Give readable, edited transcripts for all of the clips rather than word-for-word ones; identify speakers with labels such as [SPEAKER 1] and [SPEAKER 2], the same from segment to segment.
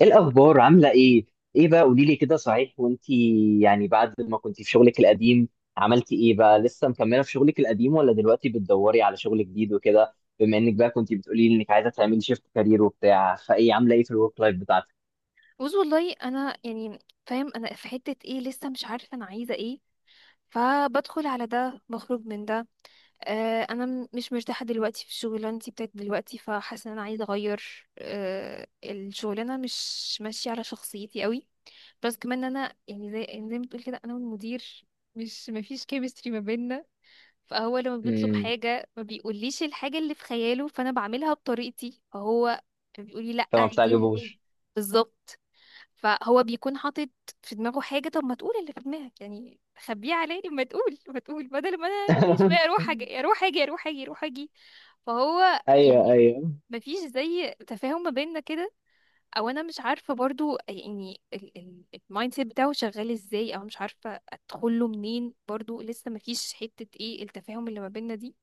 [SPEAKER 1] ايه الاخبار؟ عامله ايه؟ ايه بقى، قولي لي كده، صحيح؟ وانتي يعني بعد ما كنتي في شغلك القديم، عملتي ايه بقى؟ لسه مكمله في شغلك القديم ولا دلوقتي بتدوري على شغل جديد وكده؟ بما انك بقى كنتي بتقولي لي انك عايزه تعملي شيفت كارير وبتاع، فايه؟ عامله ايه في الورك لايف بتاعتك؟
[SPEAKER 2] بص، والله انا يعني فاهم انا في حته ايه. لسه مش عارفه انا عايزه ايه، فبدخل على ده بخرج من ده. انا مش مرتاحه دلوقتي في شغلانتي بتاعت دلوقتي، فحاسه ان انا عايزه اغير، الشغلانه مش ماشيه على شخصيتي قوي. بس كمان انا يعني، زي ما تقول كده، انا والمدير مش مفيش كيمستري ما بيننا. فهو لما بيطلب
[SPEAKER 1] امم.
[SPEAKER 2] حاجة ما بيقوليش الحاجة اللي في خياله، فانا بعملها بطريقتي. فهو بيقولي لا،
[SPEAKER 1] فما
[SPEAKER 2] عيديها تاني.
[SPEAKER 1] بتعجبوش.
[SPEAKER 2] بالظبط. فهو بيكون حاطط في دماغه حاجة، طب ما تقول اللي في دماغك، يعني خبيه عليا؟ ما تقول، بدل ما انا كل شوية اروح اجي اروح اجي اروح اجي اروح اجي. فهو
[SPEAKER 1] ايوه
[SPEAKER 2] يعني
[SPEAKER 1] ايوه.
[SPEAKER 2] مفيش زي تفاهم ما بيننا كده، او انا مش عارفه برضو يعني المايند سيت بتاعه شغال ازاي، او مش عارفه ادخل له منين برضو. لسه ما فيش حته ايه التفاهم اللي ما بيننا دي.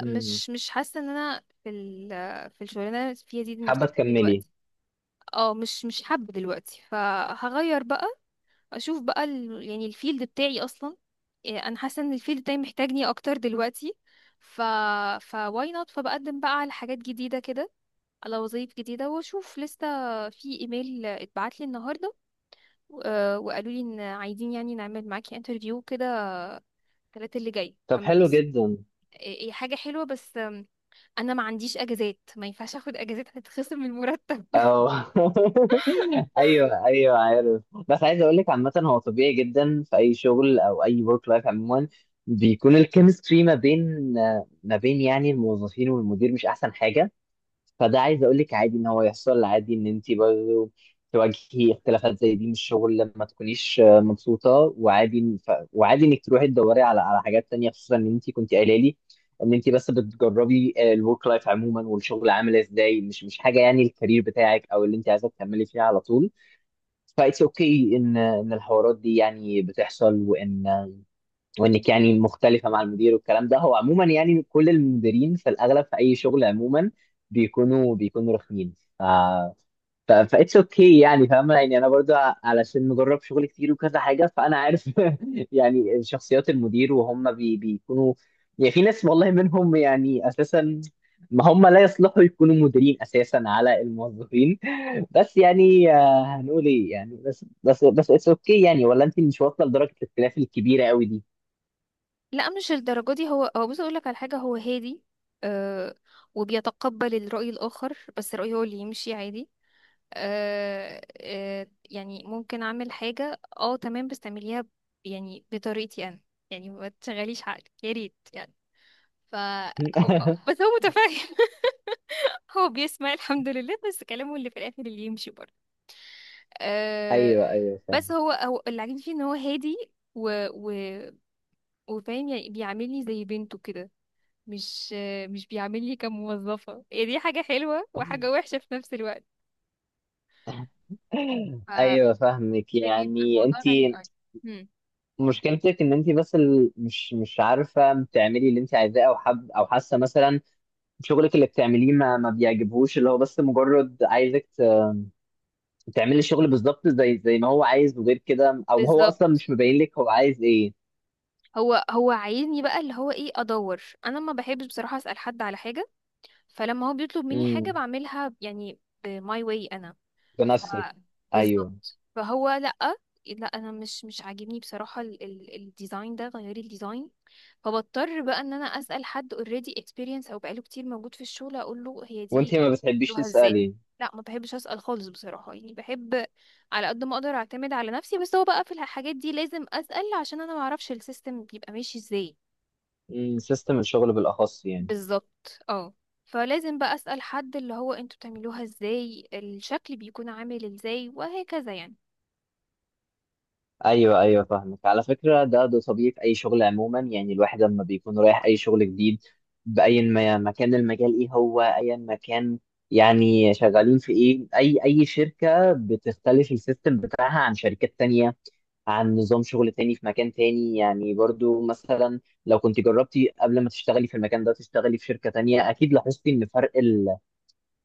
[SPEAKER 1] امم،
[SPEAKER 2] مش حاسه ان انا في الشغلانه اللي أنا فيها دي
[SPEAKER 1] حابه
[SPEAKER 2] مرتاحه
[SPEAKER 1] تكملي؟
[SPEAKER 2] دلوقتي. اه، مش حابه دلوقتي، فهغير بقى. اشوف بقى يعني الفيلد بتاعي اصلا. إيه، انا حاسه ان الفيلد بتاعي محتاجني اكتر دلوقتي. ف ف why not، فبقدم بقى على حاجات جديده كده، على وظايف جديدة واشوف. لسه في ايميل اتبعت لي النهاردة، وقالوا لي ان عايزين يعني نعمل معاكي انترفيو كده الثلاث اللي جاي
[SPEAKER 1] طب حلو
[SPEAKER 2] فبس.
[SPEAKER 1] جدا.
[SPEAKER 2] هي حاجة حلوة، بس انا ما عنديش اجازات، ما ينفعش اخد اجازات هتتخصم من المرتب.
[SPEAKER 1] اه. ايوه ايوه عارف. بس عايز اقول لك، عامه هو طبيعي جدا في اي شغل او اي ورك لايف عموما بيكون الكيمستري ما بين يعني الموظفين والمدير مش احسن حاجه. فده عايز اقول لك، عادي ان هو يحصل، عادي ان انت برضه تواجهي اختلافات زي دي من الشغل لما تكونيش آه، مبسوطه وعادي إن- ف... وعادي انك تروحي تدوري على حاجات تانية، خصوصا ان انت كنت قايله لي ان انت بس بتجربي الورك لايف عموما والشغل عامل ازاي، مش حاجه يعني الكارير بتاعك او اللي انت عايزه تكملي فيها على طول. فايتس اوكي ان الحوارات دي يعني بتحصل، وان وانك يعني مختلفه مع المدير، والكلام ده هو عموما يعني كل المديرين في الاغلب في اي شغل عموما بيكونوا رخمين. ف ف فاتس اوكي يعني. فاهمه يعني، انا برضو علشان مجرب شغل كتير وكذا حاجه فانا عارف. يعني شخصيات المدير وهم بيكونوا، يعني في ناس والله منهم يعني اساسا ما هم لا يصلحوا يكونوا مديرين اساسا على الموظفين. بس يعني آه، هنقول ايه يعني، بس اتس اوكي يعني، ولا انت مش واصله لدرجه الاختلاف الكبيره قوي دي.
[SPEAKER 2] لا، مش الدرجة دي. هو بص، اقول لك على حاجة. هو هادي، آه، وبيتقبل الرأي الآخر، بس رأيه هو اللي يمشي عادي. يعني ممكن اعمل حاجة، اه تمام، بس تعمليها يعني بطريقتي انا، يعني ما تشغليش عقلك يا ريت، يعني ف. بس هو متفاهم هو بيسمع الحمد لله، بس كلامه اللي في الاخر اللي يمشي برضه
[SPEAKER 1] ايوه
[SPEAKER 2] آه
[SPEAKER 1] ايوه
[SPEAKER 2] بس
[SPEAKER 1] فاهم.
[SPEAKER 2] هو اللي عاجبني فيه ان هو هادي. و و وفاهم، يعني بيعاملني زي بنته كده. مش بيعاملني كموظفة. هي دي حاجة حلوة وحاجة وحشة في نفس الوقت. ف
[SPEAKER 1] ايوه فاهمك
[SPEAKER 2] بيبقى
[SPEAKER 1] يعني،
[SPEAKER 2] الموضوع
[SPEAKER 1] انت
[SPEAKER 2] غريب قوي.
[SPEAKER 1] مشكلتك ان انت بس ال- مش عارفه تعملي اللي انت عايزاه، او حب او حاسه مثلا شغلك اللي بتعمليه ما بيعجبهوش، اللي هو بس مجرد عايزك ت- تعملي الشغل بالظبط زي ما هو عايز، وغير كده او هو اصلا مش
[SPEAKER 2] بالظبط.
[SPEAKER 1] مبين لك هو عايز ايه.
[SPEAKER 2] هو عايزني بقى اللي هو ايه، ادور. انا ما بحبش بصراحه اسال حد على حاجه، فلما هو بيطلب مني حاجه
[SPEAKER 1] امم.
[SPEAKER 2] بعملها يعني بماي واي انا. ف
[SPEAKER 1] بنفسك. ايوه.
[SPEAKER 2] بالظبط. فهو لأ. لا انا مش عاجبني بصراحة الديزاين ده، غيري الديزاين. فبضطر بقى ان انا اسأل حد اوريدي اكسبيرينس، او بقاله كتير موجود في الشغل، اقول له هي
[SPEAKER 1] وانت
[SPEAKER 2] دي
[SPEAKER 1] ما بتحبيش
[SPEAKER 2] بتعملوها ازاي.
[SPEAKER 1] تسالي؟
[SPEAKER 2] لا، ما بحبش اسأل خالص بصراحة. يعني بحب على قد ما اقدر اعتمد على نفسي، بس هو بقى في الحاجات دي لازم اسأل عشان انا ما اعرفش السيستم بيبقى ماشي ازاي.
[SPEAKER 1] امم، سيستم الشغل بالاخص يعني.
[SPEAKER 2] بالظبط، اه. فلازم بقى اسأل حد اللي هو انتوا بتعملوها ازاي، الشكل بيكون عامل ازاي، وهكذا يعني.
[SPEAKER 1] ايوه ايوه فاهمك. على فكره ده طبيعي في اي شغل عموما. يعني الواحد لما بيكون رايح اي شغل جديد باي ما كان المجال، ايه هو ايا ما كان يعني شغالين في ايه، اي شركه بتختلف السيستم بتاعها عن شركات تانية، عن نظام شغل تاني في مكان تاني. يعني برضو مثلا لو كنت جربتي قبل ما تشتغلي في المكان ده تشتغلي في شركه تانية، اكيد لاحظتي ان فرق،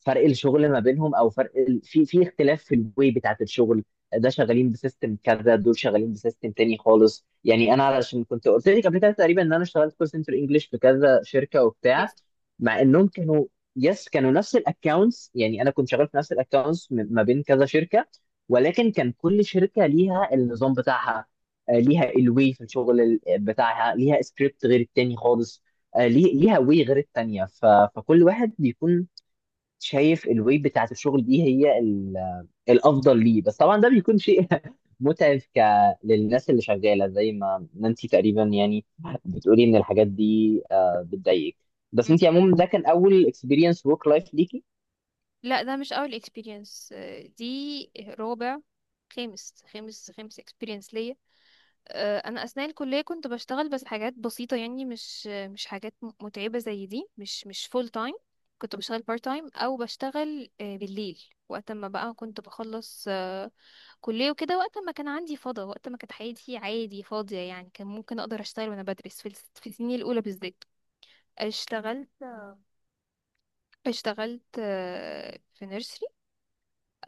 [SPEAKER 1] الشغل ما بينهم، او فرق ال... في اختلاف في الواي بتاعت الشغل. ده شغالين بسيستم كذا، دول شغالين بسيستم تاني خالص. يعني انا علشان كنت قلت لك قبل كده تقريبا ان انا اشتغلت كول سنتر انجلش في كذا شركه وبتاع، مع انهم كانوا، يس، كانوا نفس الاكونتس، يعني انا كنت شغال في نفس الاكونتس ما بين كذا شركه، ولكن كان كل شركه ليها النظام بتاعها، آه، ليها الواي في الشغل ال- بتاعها، ليها سكريبت غير التاني خالص، آه، ليها واي غير التانيه. ف... فكل واحد بيكون شايف الويب بتاعت الشغل دي هي ال- الافضل ليه. بس طبعا ده بيكون شيء متعب ك للناس اللي شغاله زي ما انت تقريبا، يعني بتقولي ان الحاجات دي آه، بتضايقك. بس
[SPEAKER 2] مم.
[SPEAKER 1] انت عموما ده كان اول اكسبيرينس ورك لايف ليكي؟
[SPEAKER 2] لا، ده مش اول اكسبيرينس. دي رابع، خامس اكسبيرينس ليا. انا اثناء الكليه كنت بشتغل بس حاجات بسيطه، يعني مش حاجات متعبه زي دي، مش فول تايم. كنت بشتغل بارت تايم، او بشتغل بالليل وقت ما بقى كنت بخلص كليه وكده، وقت ما كان عندي فضا، وقت ما كانت حياتي عادي فاضيه، يعني كان ممكن اقدر اشتغل وانا بدرس، في السنين الاولى بالذات. اشتغلت اشتغلت، في نيرسري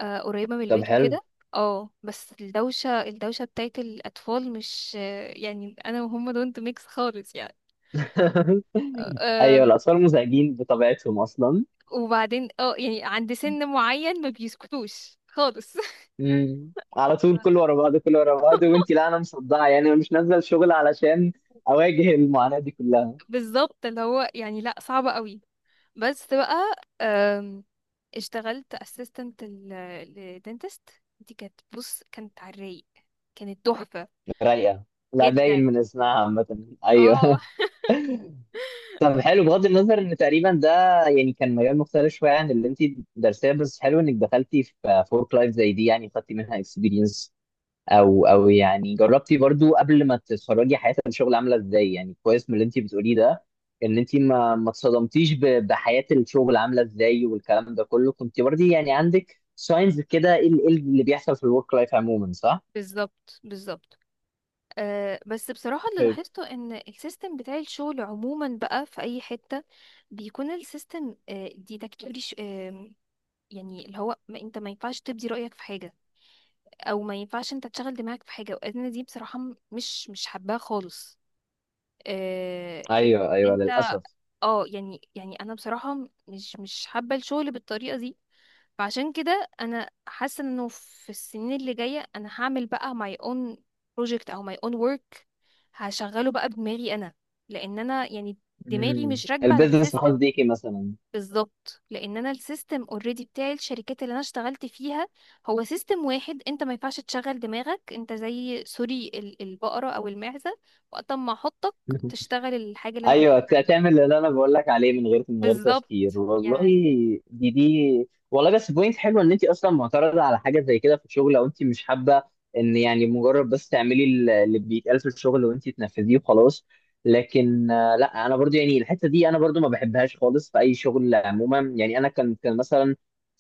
[SPEAKER 2] قريبة من
[SPEAKER 1] طب
[SPEAKER 2] البيت
[SPEAKER 1] حلو.
[SPEAKER 2] وكده. اه، بس الدوشة بتاعت الأطفال، مش آه، يعني أنا وهم دونت ميكس خالص يعني.
[SPEAKER 1] ايوه
[SPEAKER 2] أه.
[SPEAKER 1] الاطفال مزعجين بطبيعتهم اصلا.
[SPEAKER 2] وبعدين اه يعني عند سن معين ما بيسكتوش خالص.
[SPEAKER 1] على طول، كل ورا بعض كل ورا بعض، وانت لا، انا مصدعه يعني، انا مش نازله الشغل علشان اواجه المعاناه دي كلها.
[SPEAKER 2] بالظبط، اللي هو يعني لأ، صعبة قوي. بس بقى، آم، اشتغلت اسيستنت للدنتست. دي كانت، بص، كانت على الرايق، كانت تحفة
[SPEAKER 1] رايقه؟ لا باين
[SPEAKER 2] جدا،
[SPEAKER 1] من اسمها عامة.
[SPEAKER 2] اه.
[SPEAKER 1] ايوه. طب حلو، بغض النظر ان تقريبا ده يعني كان مجال مختلف شويه عن اللي انت درسيه، بس حلو انك دخلتي في فورك لايف زي دي، يعني خدتي منها اكسبيرينس، او يعني جربتي برضو قبل ما تتخرجي حياه الشغل عامله ازاي. يعني كويس من اللي انت بتقوليه ده ان انت ما اتصدمتيش ب- بحياه الشغل عامله ازاي، والكلام ده كله كنت برضي يعني عندك ساينز كده ايه ال- إيه اللي بيحصل في الورك لايف عموما، صح؟
[SPEAKER 2] بالظبط بالظبط. أه، بس بصراحة اللي
[SPEAKER 1] طيب.
[SPEAKER 2] لاحظته ان السيستم بتاع الشغل عموما بقى في اي حتة بيكون السيستم، أه، ديدكتوري، ش- أه يعني اللي هو ما انت ما ينفعش تبدي رأيك في حاجة، او ما ينفعش انت تشغل دماغك في حاجة. وانا دي بصراحة، مش حباها خالص. أه، حتة
[SPEAKER 1] ايوه
[SPEAKER 2] إن
[SPEAKER 1] ايوه
[SPEAKER 2] انت،
[SPEAKER 1] للاسف.
[SPEAKER 2] اه يعني، انا بصراحة مش حابة الشغل بالطريقة دي. فعشان كده انا حاسه انه في السنين اللي جايه انا هعمل بقى my own project او my own work، هشغله بقى بدماغي انا، لان انا يعني دماغي
[SPEAKER 1] مم،
[SPEAKER 2] مش راكبه على
[SPEAKER 1] البيزنس الخاص
[SPEAKER 2] السيستم.
[SPEAKER 1] بيكي مثلا.
[SPEAKER 2] بالظبط، لان انا السيستم اوريدي بتاعي، الشركات اللي انا اشتغلت فيها هو سيستم واحد، انت ما ينفعش تشغل دماغك، انت زي سوري البقره او المعزه، وقت ما احطك تشتغل الحاجه اللي انا قلت
[SPEAKER 1] ايوه
[SPEAKER 2] لك
[SPEAKER 1] بت-
[SPEAKER 2] عليها.
[SPEAKER 1] تعمل اللي انا بقول لك عليه من غير
[SPEAKER 2] بالظبط
[SPEAKER 1] تفكير. والله
[SPEAKER 2] يعني.
[SPEAKER 1] دي والله بس بوينت حلوه ان انت اصلا معترضه على حاجه زي كده في الشغل، او انت مش حابه ان يعني مجرد بس تعملي ال- اللي بيتقال في الشغل وانت تنفذيه وخلاص. لكن آه، لا انا برضو يعني الحته دي انا برضو ما بحبهاش خالص في اي شغل عموما. يعني انا كان مثلا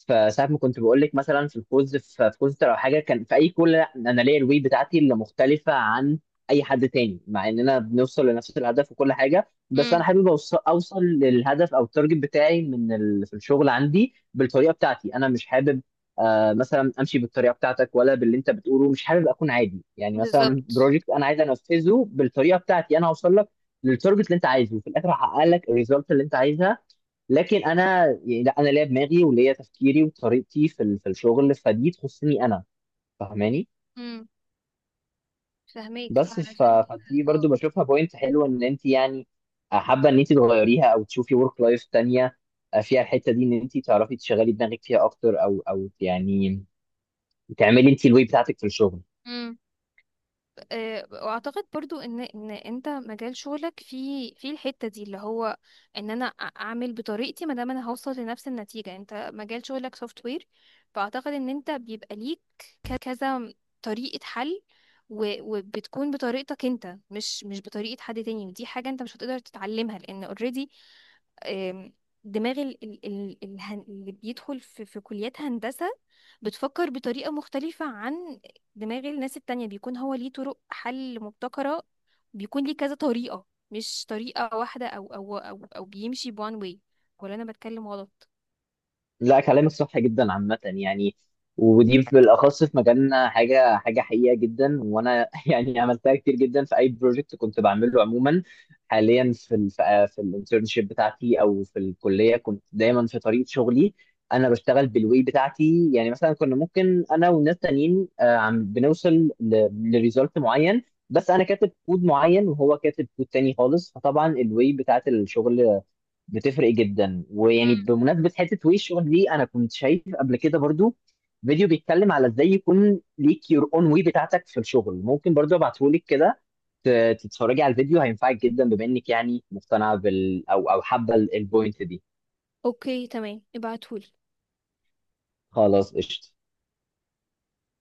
[SPEAKER 1] في ساعه ما كنت بقول لك مثلا في الكوز، في كوز او حاجه، كان في اي كول لا انا ليا الوي بتاعتي اللي مختلفه عن اي حد تاني، مع اننا بنوصل لنفس الهدف وكل حاجه. بس انا
[SPEAKER 2] امم
[SPEAKER 1] حابب اوصل للهدف او التارجت بتاعي من ال... في الشغل عندي بالطريقه بتاعتي انا، مش حابب آه مثلا امشي بالطريقه بتاعتك ولا باللي انت بتقوله. مش حابب اكون عادي يعني، مثلا
[SPEAKER 2] بالظبط،
[SPEAKER 1] بروجكت انا عايز انفذه بالطريقه بتاعتي انا، هوصل لك للتارجت اللي انت عايزه في الاخر، هحقق لك الريزلت اللي انت عايزها، لكن انا يعني لا انا ليا دماغي وليا تفكيري وطريقتي في ال... في الشغل، فدي تخصني انا، فاهماني؟
[SPEAKER 2] فاهميك
[SPEAKER 1] بس ف...
[SPEAKER 2] علشان كده،
[SPEAKER 1] فدي برضو
[SPEAKER 2] اه.
[SPEAKER 1] بشوفها بوينت حلوه ان انت يعني حابه ان انت تغيريها او تشوفي ورك لايف تانية آه، فيها الحته دي ان انت تعرفي تشغلي دماغك فيها اكتر، او يعني تعملي انت الواي بتاعتك في الشغل.
[SPEAKER 2] مم. واعتقد برضو ان انت مجال شغلك في الحتة دي اللي هو ان انا، اعمل بطريقتي ما دام انا هوصل لنفس النتيجة. انت مجال شغلك سوفت وير، فاعتقد ان انت بيبقى ليك كذا طريقة حل، وبتكون بطريقتك انت، مش بطريقة حد تاني، ودي حاجة انت مش هتقدر تتعلمها، لان اوريدي دماغ اللي بيدخل في كليات هندسة بتفكر بطريقة مختلفة عن دماغ الناس التانية. بيكون هو ليه طرق حل مبتكرة، بيكون ليه كذا طريقة، مش طريقة واحدة، أو بيمشي بوان واي. ولا أنا بتكلم غلط؟
[SPEAKER 1] لا كلامك صح جدا عامة يعني، ودي بالأخص في مجالنا حاجة حقيقة جدا، وأنا يعني عملتها كتير جدا في أي بروجكت كنت بعمله عموما. حاليا في الانترنشيب بتاعتي أو في الكلية، كنت دايما في طريق شغلي أنا بشتغل بالواي بتاعتي. يعني مثلا كنا ممكن أنا وناس تانيين آه، بنوصل لريزلت معين، بس أنا كاتب كود معين وهو كاتب كود تاني خالص، فطبعا الواي بتاعت الشغل بتفرق جدا. ويعني
[SPEAKER 2] مم.
[SPEAKER 1] بمناسبه حته ويشو دي، انا كنت شايف قبل كده برضو فيديو بيتكلم على ازاي يكون ليك يور اون واي بتاعتك في الشغل، ممكن برضو ابعته لك كده ت- تتفرجي على الفيديو، هينفعك جدا بما انك يعني مقتنعه بال او او حابه ال- البوينت دي.
[SPEAKER 2] اوكي تمام، ابعتهولي.
[SPEAKER 1] خلاص قشطه.